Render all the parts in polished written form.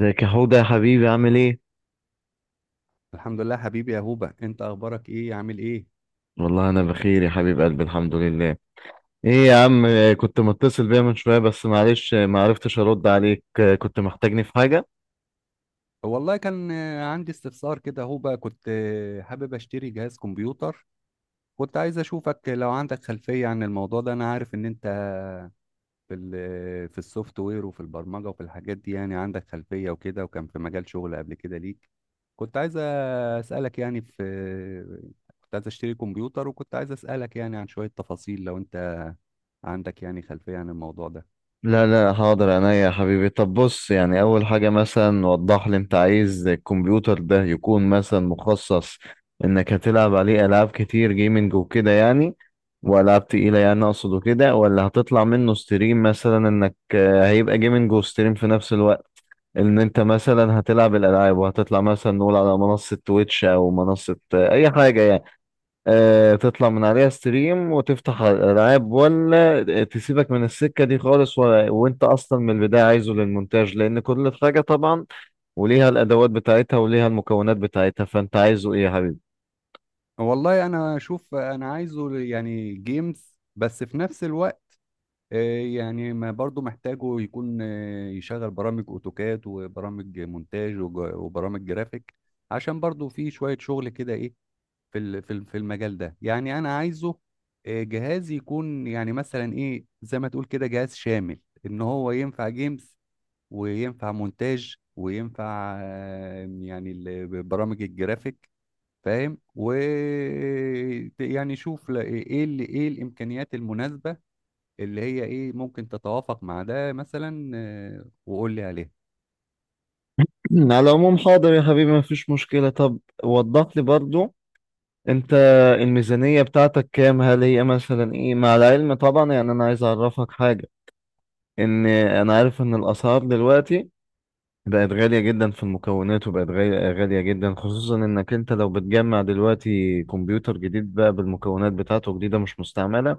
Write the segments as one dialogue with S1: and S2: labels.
S1: ازيك يا حوده يا حبيبي، عامل ايه؟
S2: الحمد لله حبيبي يا هوبا، انت اخبارك ايه؟ عامل ايه؟
S1: والله انا بخير يا حبيب قلبي، الحمد لله. ايه يا عم، كنت متصل بيا من شويه، بس معلش ما عرفتش ارد عليك. كنت محتاجني في حاجه؟
S2: والله كان عندي استفسار كده يا هوبا. كنت حابب اشتري جهاز كمبيوتر. كنت عايز اشوفك لو عندك خلفية عن الموضوع ده. انا عارف ان انت في السوفت وير وفي البرمجة وفي الحاجات دي، يعني عندك خلفية وكده، وكان في مجال شغل قبل كده ليك. كنت عايز اسالك يعني في كنت عايز اشتري كمبيوتر، وكنت عايز اسالك يعني عن شوية تفاصيل لو انت عندك يعني خلفية عن الموضوع ده.
S1: لا لا، حاضر عينيا يا حبيبي. طب بص يعني، اول حاجه مثلا وضح لي، انت عايز الكمبيوتر ده يكون مثلا مخصص انك هتلعب عليه العاب كتير جيمنج وكده يعني، والعاب تقيله يعني، اقصد كده، ولا هتطلع منه ستريم مثلا انك هيبقى جيمنج وستريم في نفس الوقت. ان انت مثلا هتلعب الالعاب وهتطلع مثلا نقول على منصة تويتش او منصة اي حاجة يعني، تطلع من عليها ستريم وتفتح على الالعاب، ولا تسيبك من السكة دي خالص، وانت اصلا من البداية عايزه للمونتاج، لان كل حاجة طبعا وليها الادوات بتاعتها وليها المكونات بتاعتها. فانت عايزه ايه يا حبيبي؟
S2: والله انا اشوف انا عايزه يعني جيمز، بس في نفس الوقت آه، يعني ما برضو محتاجه يكون يشغل برامج اوتوكاد وبرامج مونتاج وبرامج جرافيك، عشان برضو في شوية شغل كده ايه في المجال ده. يعني انا عايزه جهاز يكون يعني مثلا ايه زي ما تقول كده جهاز شامل، ان هو ينفع جيمز وينفع مونتاج وينفع يعني برامج الجرافيك. فاهم؟ و يعني شوف، ايه اللي ايه الامكانيات المناسبه اللي هي ايه ممكن تتوافق مع ده مثلا، وقول لي عليها.
S1: على العموم، حاضر يا حبيبي، مفيش مشكلة. طب وضح لي برضو، انت الميزانية بتاعتك كام؟ هل هي مثلا ايه، مع العلم طبعا يعني انا عايز اعرفك حاجة، ان انا عارف ان الاسعار دلوقتي بقت غالية جدا في المكونات، وبقت غالية غالية جدا، خصوصا انك انت لو بتجمع دلوقتي كمبيوتر جديد بقى بالمكونات بتاعته جديدة مش مستعملة،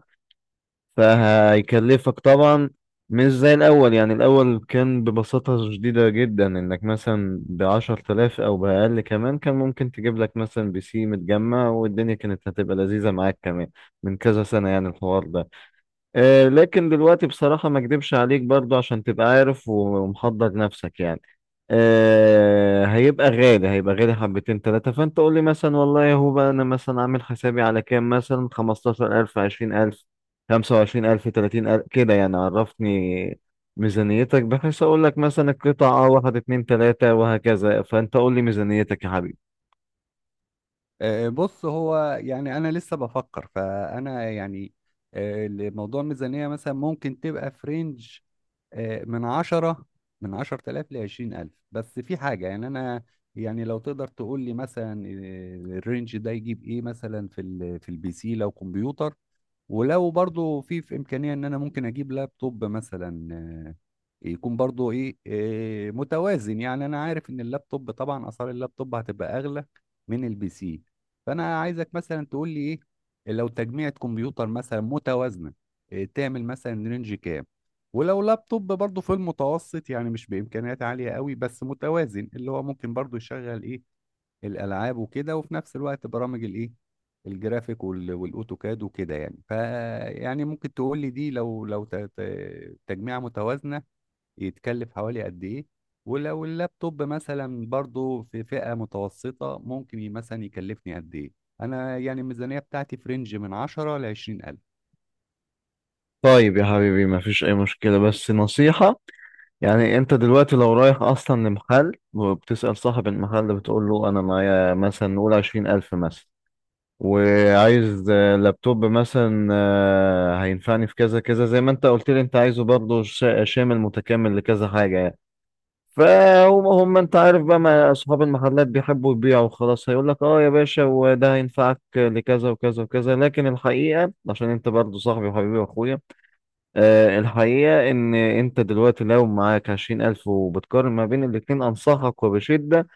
S1: فهيكلفك طبعا مش زي الاول. يعني الاول كان ببساطة شديدة جدا، انك مثلا بعشر تلاف او باقل كمان كان ممكن تجيب لك مثلا بي سي متجمع، والدنيا كانت هتبقى لذيذة معاك كمان، من كذا سنة يعني الحوار ده. لكن دلوقتي بصراحة ما اكدبش عليك برضو، عشان تبقى عارف ومحضر نفسك يعني، هيبقى غالي، هيبقى غالي حبتين تلاتة. فانت قول لي مثلا والله يا هو بقى، انا مثلا عامل حسابي على كام، مثلا 15 الف، 20 الف، 25 الف، 30 الف، كده يعني. عرفني ميزانيتك، بحيث اقول لك مثلا القطعة اه، واحد اتنين تلاتة، وهكذا. فانت قول لي ميزانيتك يا حبيبي.
S2: بص، هو يعني انا لسه بفكر، فانا يعني لموضوع الميزانيه مثلا ممكن تبقى في رينج من 10 من 10,000 ل 20,000. بس في حاجه يعني انا، يعني لو تقدر تقول لي مثلا الرينج ده يجيب ايه مثلا في البي سي لو كمبيوتر، ولو برضو في امكانيه ان انا ممكن اجيب لابتوب مثلا، يكون برضو ايه إيه متوازن. يعني انا عارف ان اللابتوب طبعا، اسعار اللابتوب هتبقى اغلى من البي سي. فانا عايزك مثلا تقول لي ايه، لو تجميعة كمبيوتر مثلا متوازنه، إيه تعمل مثلا رينج كام؟ ولو لابتوب برضو في المتوسط، يعني مش بامكانيات عاليه قوي بس متوازن، اللي هو ممكن برضو يشغل ايه الالعاب وكده، وفي نفس الوقت برامج الايه الجرافيك والاوتوكاد وكده يعني. فيعني ممكن تقول لي دي، لو تجميعة متوازنة، يتكلف حوالي قد ايه؟ ولو اللابتوب مثلا برضو في فئة متوسطة ممكن مثلا يكلفني قد ايه؟ انا يعني الميزانية بتاعتي في رينج من 10 ل 20 ألف.
S1: طيب يا حبيبي، ما فيش اي مشكلة، بس نصيحة. يعني انت دلوقتي لو رايح اصلا لمحل وبتسأل صاحب المحل ده، بتقول له انا معايا مثلا نقول 20 الف مثلا، وعايز لابتوب مثلا هينفعني في كذا كذا، زي ما انت قلت لي انت عايزه برضه شامل متكامل لكذا حاجة يعني. فهم هم انت عارف بقى، ما اصحاب المحلات بيحبوا يبيعوا خلاص، هيقول لك اه يا باشا، وده هينفعك لكذا وكذا وكذا. لكن الحقيقة، عشان انت برضه صاحبي وحبيبي واخويا، الحقيقة إن أنت دلوقتي لو معاك 20 ألف وبتقارن ما بين الاتنين، أنصحك وبشدة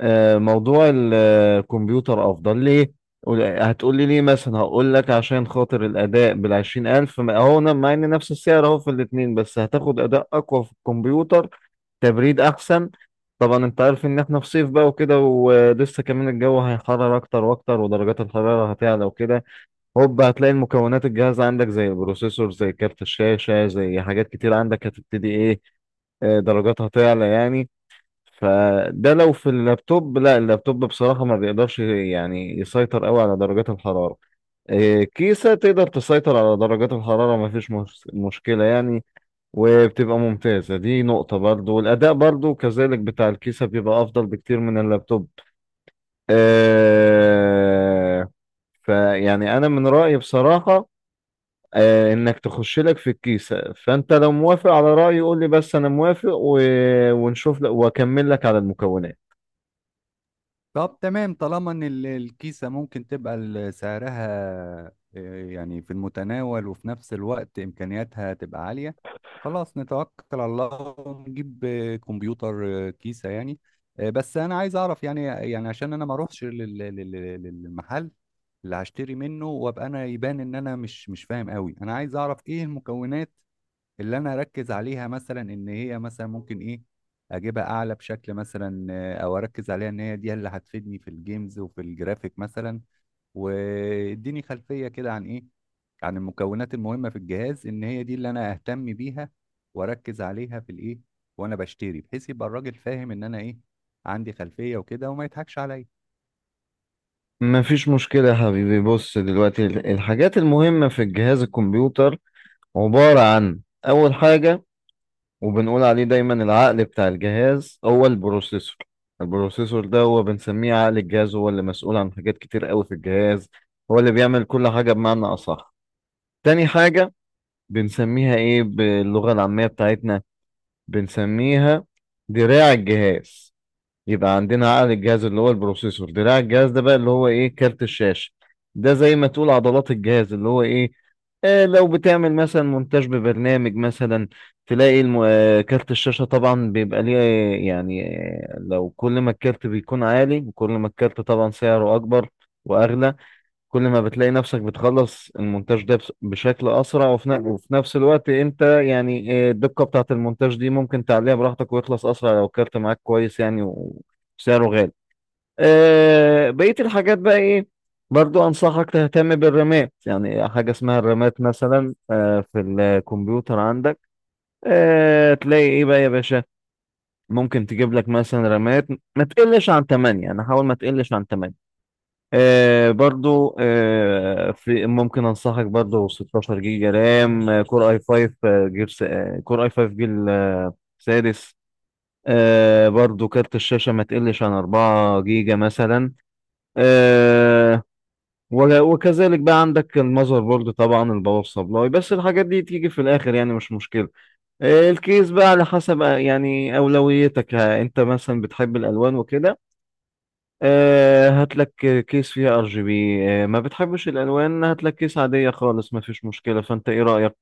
S1: موضوع الكمبيوتر أفضل. ليه؟ هتقولي ليه مثلا، هقول لك عشان خاطر الأداء. بالـ20 ألف، مع إن نفس السعر أهو في الاتنين، بس هتاخد أداء أقوى في الكمبيوتر، تبريد أحسن. طبعا أنت عارف إن إحنا في صيف بقى وكده، ولسه كمان الجو هيحرر أكتر وأكتر، ودرجات الحرارة هتعلى وكده. هوب هتلاقي المكونات الجاهزة عندك زي البروسيسور، زي كارت الشاشة، زي حاجات كتير عندك، هتبتدي ايه درجاتها تعلى يعني. فده لو في اللابتوب، لا اللابتوب بصراحة ما بيقدرش يعني يسيطر قوي على درجات الحرارة. كيسة تقدر تسيطر على درجات الحرارة، ما فيش مشكلة يعني، وبتبقى ممتازة. دي نقطة برضو، والأداء برضو كذلك بتاع الكيسة بيبقى أفضل بكتير من اللابتوب. آه، فيعني أنا من رأيي بصراحة انك تخش لك في الكيسة. فانت لو موافق على رأيي قول لي بس، انا موافق ونشوف لك واكمل لك على المكونات.
S2: طب تمام، طالما ان الكيسة ممكن تبقى سعرها يعني في المتناول، وفي نفس الوقت امكانياتها تبقى عالية، خلاص نتوكل على الله ونجيب كمبيوتر، كيسة يعني. بس انا عايز اعرف يعني، يعني عشان انا ما اروحش للمحل اللي هشتري منه وابقى انا يبان ان انا مش فاهم قوي. انا عايز اعرف ايه المكونات اللي انا اركز عليها، مثلا ان هي مثلا ممكن ايه اجيبها اعلى بشكل مثلا، او اركز عليها ان هي دي اللي هتفيدني في الجيمز وفي الجرافيك مثلا. واديني خلفية كده عن ايه، عن المكونات المهمة في الجهاز ان هي دي اللي انا اهتم بيها واركز عليها في الايه وانا بشتري، بحيث يبقى الراجل فاهم ان انا ايه عندي خلفية وكده وما يضحكش عليا.
S1: مفيش مشكلة يا حبيبي. بص دلوقتي، الحاجات المهمة في الجهاز الكمبيوتر عبارة عن، اول حاجة، وبنقول عليه دايما العقل بتاع الجهاز هو البروسيسور. البروسيسور ده هو بنسميه عقل الجهاز، هو اللي مسؤول عن حاجات كتير قوي في الجهاز، هو اللي بيعمل كل حاجة بمعنى اصح. تاني حاجة، بنسميها ايه باللغة العامية بتاعتنا، بنسميها دراع الجهاز. يبقى عندنا عقل الجهاز اللي هو البروسيسور، دراع الجهاز ده بقى اللي هو ايه كارت الشاشة. ده زي ما تقول عضلات الجهاز اللي هو ايه، آه. لو بتعمل مثلا مونتاج ببرنامج مثلا، تلاقي الم... آه كارت الشاشة طبعا بيبقى ليه لو كل ما الكارت بيكون عالي، وكل ما الكارت طبعا سعره أكبر وأغلى، كل ما بتلاقي نفسك بتخلص المونتاج ده بشكل اسرع، وفي وفي نفس الوقت انت يعني الدقة بتاعت المونتاج دي ممكن تعليها براحتك، ويخلص اسرع لو الكارت معاك كويس يعني، وسعره غالي. بقية الحاجات بقى ايه، برضو انصحك تهتم بالرامات. يعني حاجة اسمها الرامات مثلا في الكمبيوتر عندك، تلاقي ايه بقى يا باشا. ممكن تجيب لك مثلا رامات ما تقلش عن 8، يعني حاول ما تقلش عن 8. برضو في، ممكن انصحك برضو 16 جيجا رام، كور اي 5، آه جيل س- آه كور اي 5 جيل سادس. برضو كارت الشاشة ما تقلش عن 4 جيجا مثلا. آه وكذلك بقى عندك المذر بورد طبعا، الباور سبلاي، بس الحاجات دي تيجي في الاخر يعني، مش مشكلة. الكيس بقى على حسب يعني اولويتك. انت مثلا بتحب الالوان وكده، هات لك كيس فيها ار جي بي. ما بتحبش الالوان، هات لك كيس عاديه خالص، ما فيش مشكله. فانت ايه رايك؟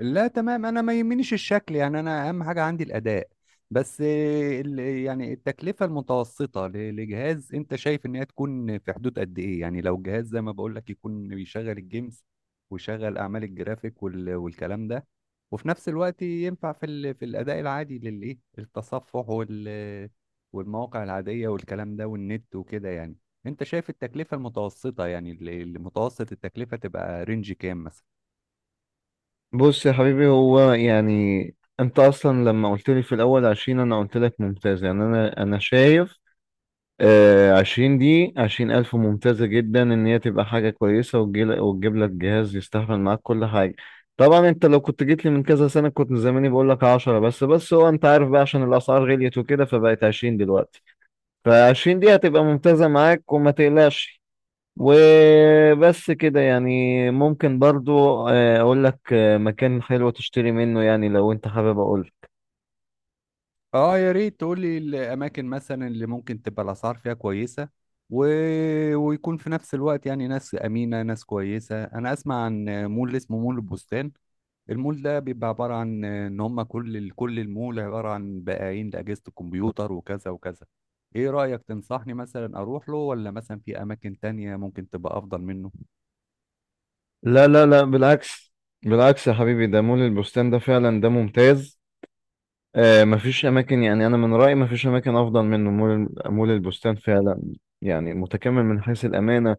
S2: لا تمام، انا ما يهمنيش الشكل، يعني انا اهم حاجه عندي الاداء. بس يعني التكلفه المتوسطه لجهاز انت شايف ان هي تكون في حدود قد ايه؟ يعني لو جهاز زي ما بقول لك يكون بيشغل الجيمز ويشغل اعمال الجرافيك والكلام ده، وفي نفس الوقت ينفع في الاداء العادي للايه التصفح وال والمواقع العاديه والكلام ده والنت وكده يعني. انت شايف التكلفه المتوسطه، يعني المتوسط التكلفه تبقى رينج كام مثلا؟
S1: بص يا حبيبي، هو يعني انت اصلا لما قلت لي في الاول عشرين، انا قلت لك ممتاز يعني. انا شايف عشرين دي، 20 الف ممتازه جدا ان هي تبقى حاجه كويسه، وتجيب لك جهاز يستحمل معاك كل حاجه. طبعا انت لو كنت جيت لي من كذا سنه كنت زماني بقول لك عشرة بس. بس هو انت عارف بقى عشان الاسعار غليت وكده، فبقت عشرين دلوقتي. فعشرين دقيقة هتبقى ممتازة معاك، وما تقلقش. وبس كده يعني. ممكن برضو أقول لك مكان حلو تشتري منه، يعني لو أنت حابب أقول.
S2: اه، يا ريت تقول لي الاماكن مثلا اللي ممكن تبقى الاسعار فيها كويسه و... ويكون في نفس الوقت يعني ناس امينه، ناس كويسه. انا اسمع عن مول اسمه مول البستان. المول ده بيبقى عباره عن ان هم كل المول عباره عن بائعين لاجهزه الكمبيوتر وكذا وكذا. ايه رايك، تنصحني مثلا اروح له، ولا مثلا في اماكن تانية ممكن تبقى افضل منه؟
S1: لا لا لا، بالعكس، بالعكس يا حبيبي. ده مول البستان ده فعلا ده ممتاز. مفيش أماكن يعني، أنا من رأيي مفيش أماكن أفضل منه. مول البستان فعلا، يعني متكامل من حيث الأمانة،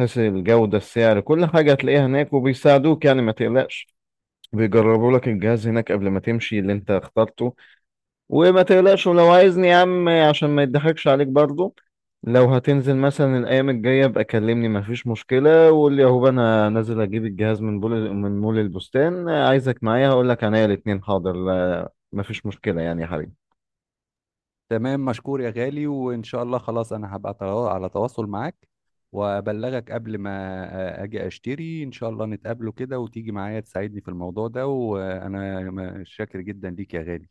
S1: حيث الجودة، السعر، كل حاجة هتلاقيها هناك، وبيساعدوك يعني ما تقلقش. بيجربوا لك الجهاز هناك قبل ما تمشي اللي انت اخترته، وما تقلقش. ولو عايزني يا عم، عشان ما يضحكش عليك برضو، لو هتنزل مثلا الايام الجايه بقى كلمني، مفيش مشكله، وقول لي اهو انا نازل اجيب الجهاز من بول من مول البستان، عايزك معايا. هقول لك عينيا الاتنين، حاضر، لا مفيش مشكله يعني يا حبيبي.
S2: تمام، مشكور يا غالي، وإن شاء الله خلاص. أنا هبقى على تواصل معاك، وأبلغك قبل ما أجي أشتري. إن شاء الله نتقابله كده وتيجي معايا تساعدني في الموضوع ده، وأنا شاكر جدا ليك يا غالي.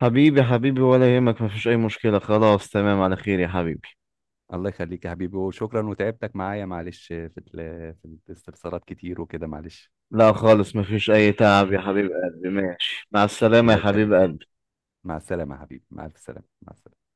S1: حبيبي حبيبي، ولا يهمك، مفيش اي مشكله، خلاص تمام، على خير يا حبيبي.
S2: الله يخليك يا حبيبي وشكرا، وتعبتك معايا معلش، في الاستفسارات كتير وكده، معلش.
S1: لا خالص، مفيش اي تعب يا حبيب قلبي. ماشي، مع السلامه
S2: الله
S1: يا حبيب
S2: يخليك يا حبيبي.
S1: قلبي.
S2: مع السلامة يا حبيبي، مع ألف سلامة، مع السلامة.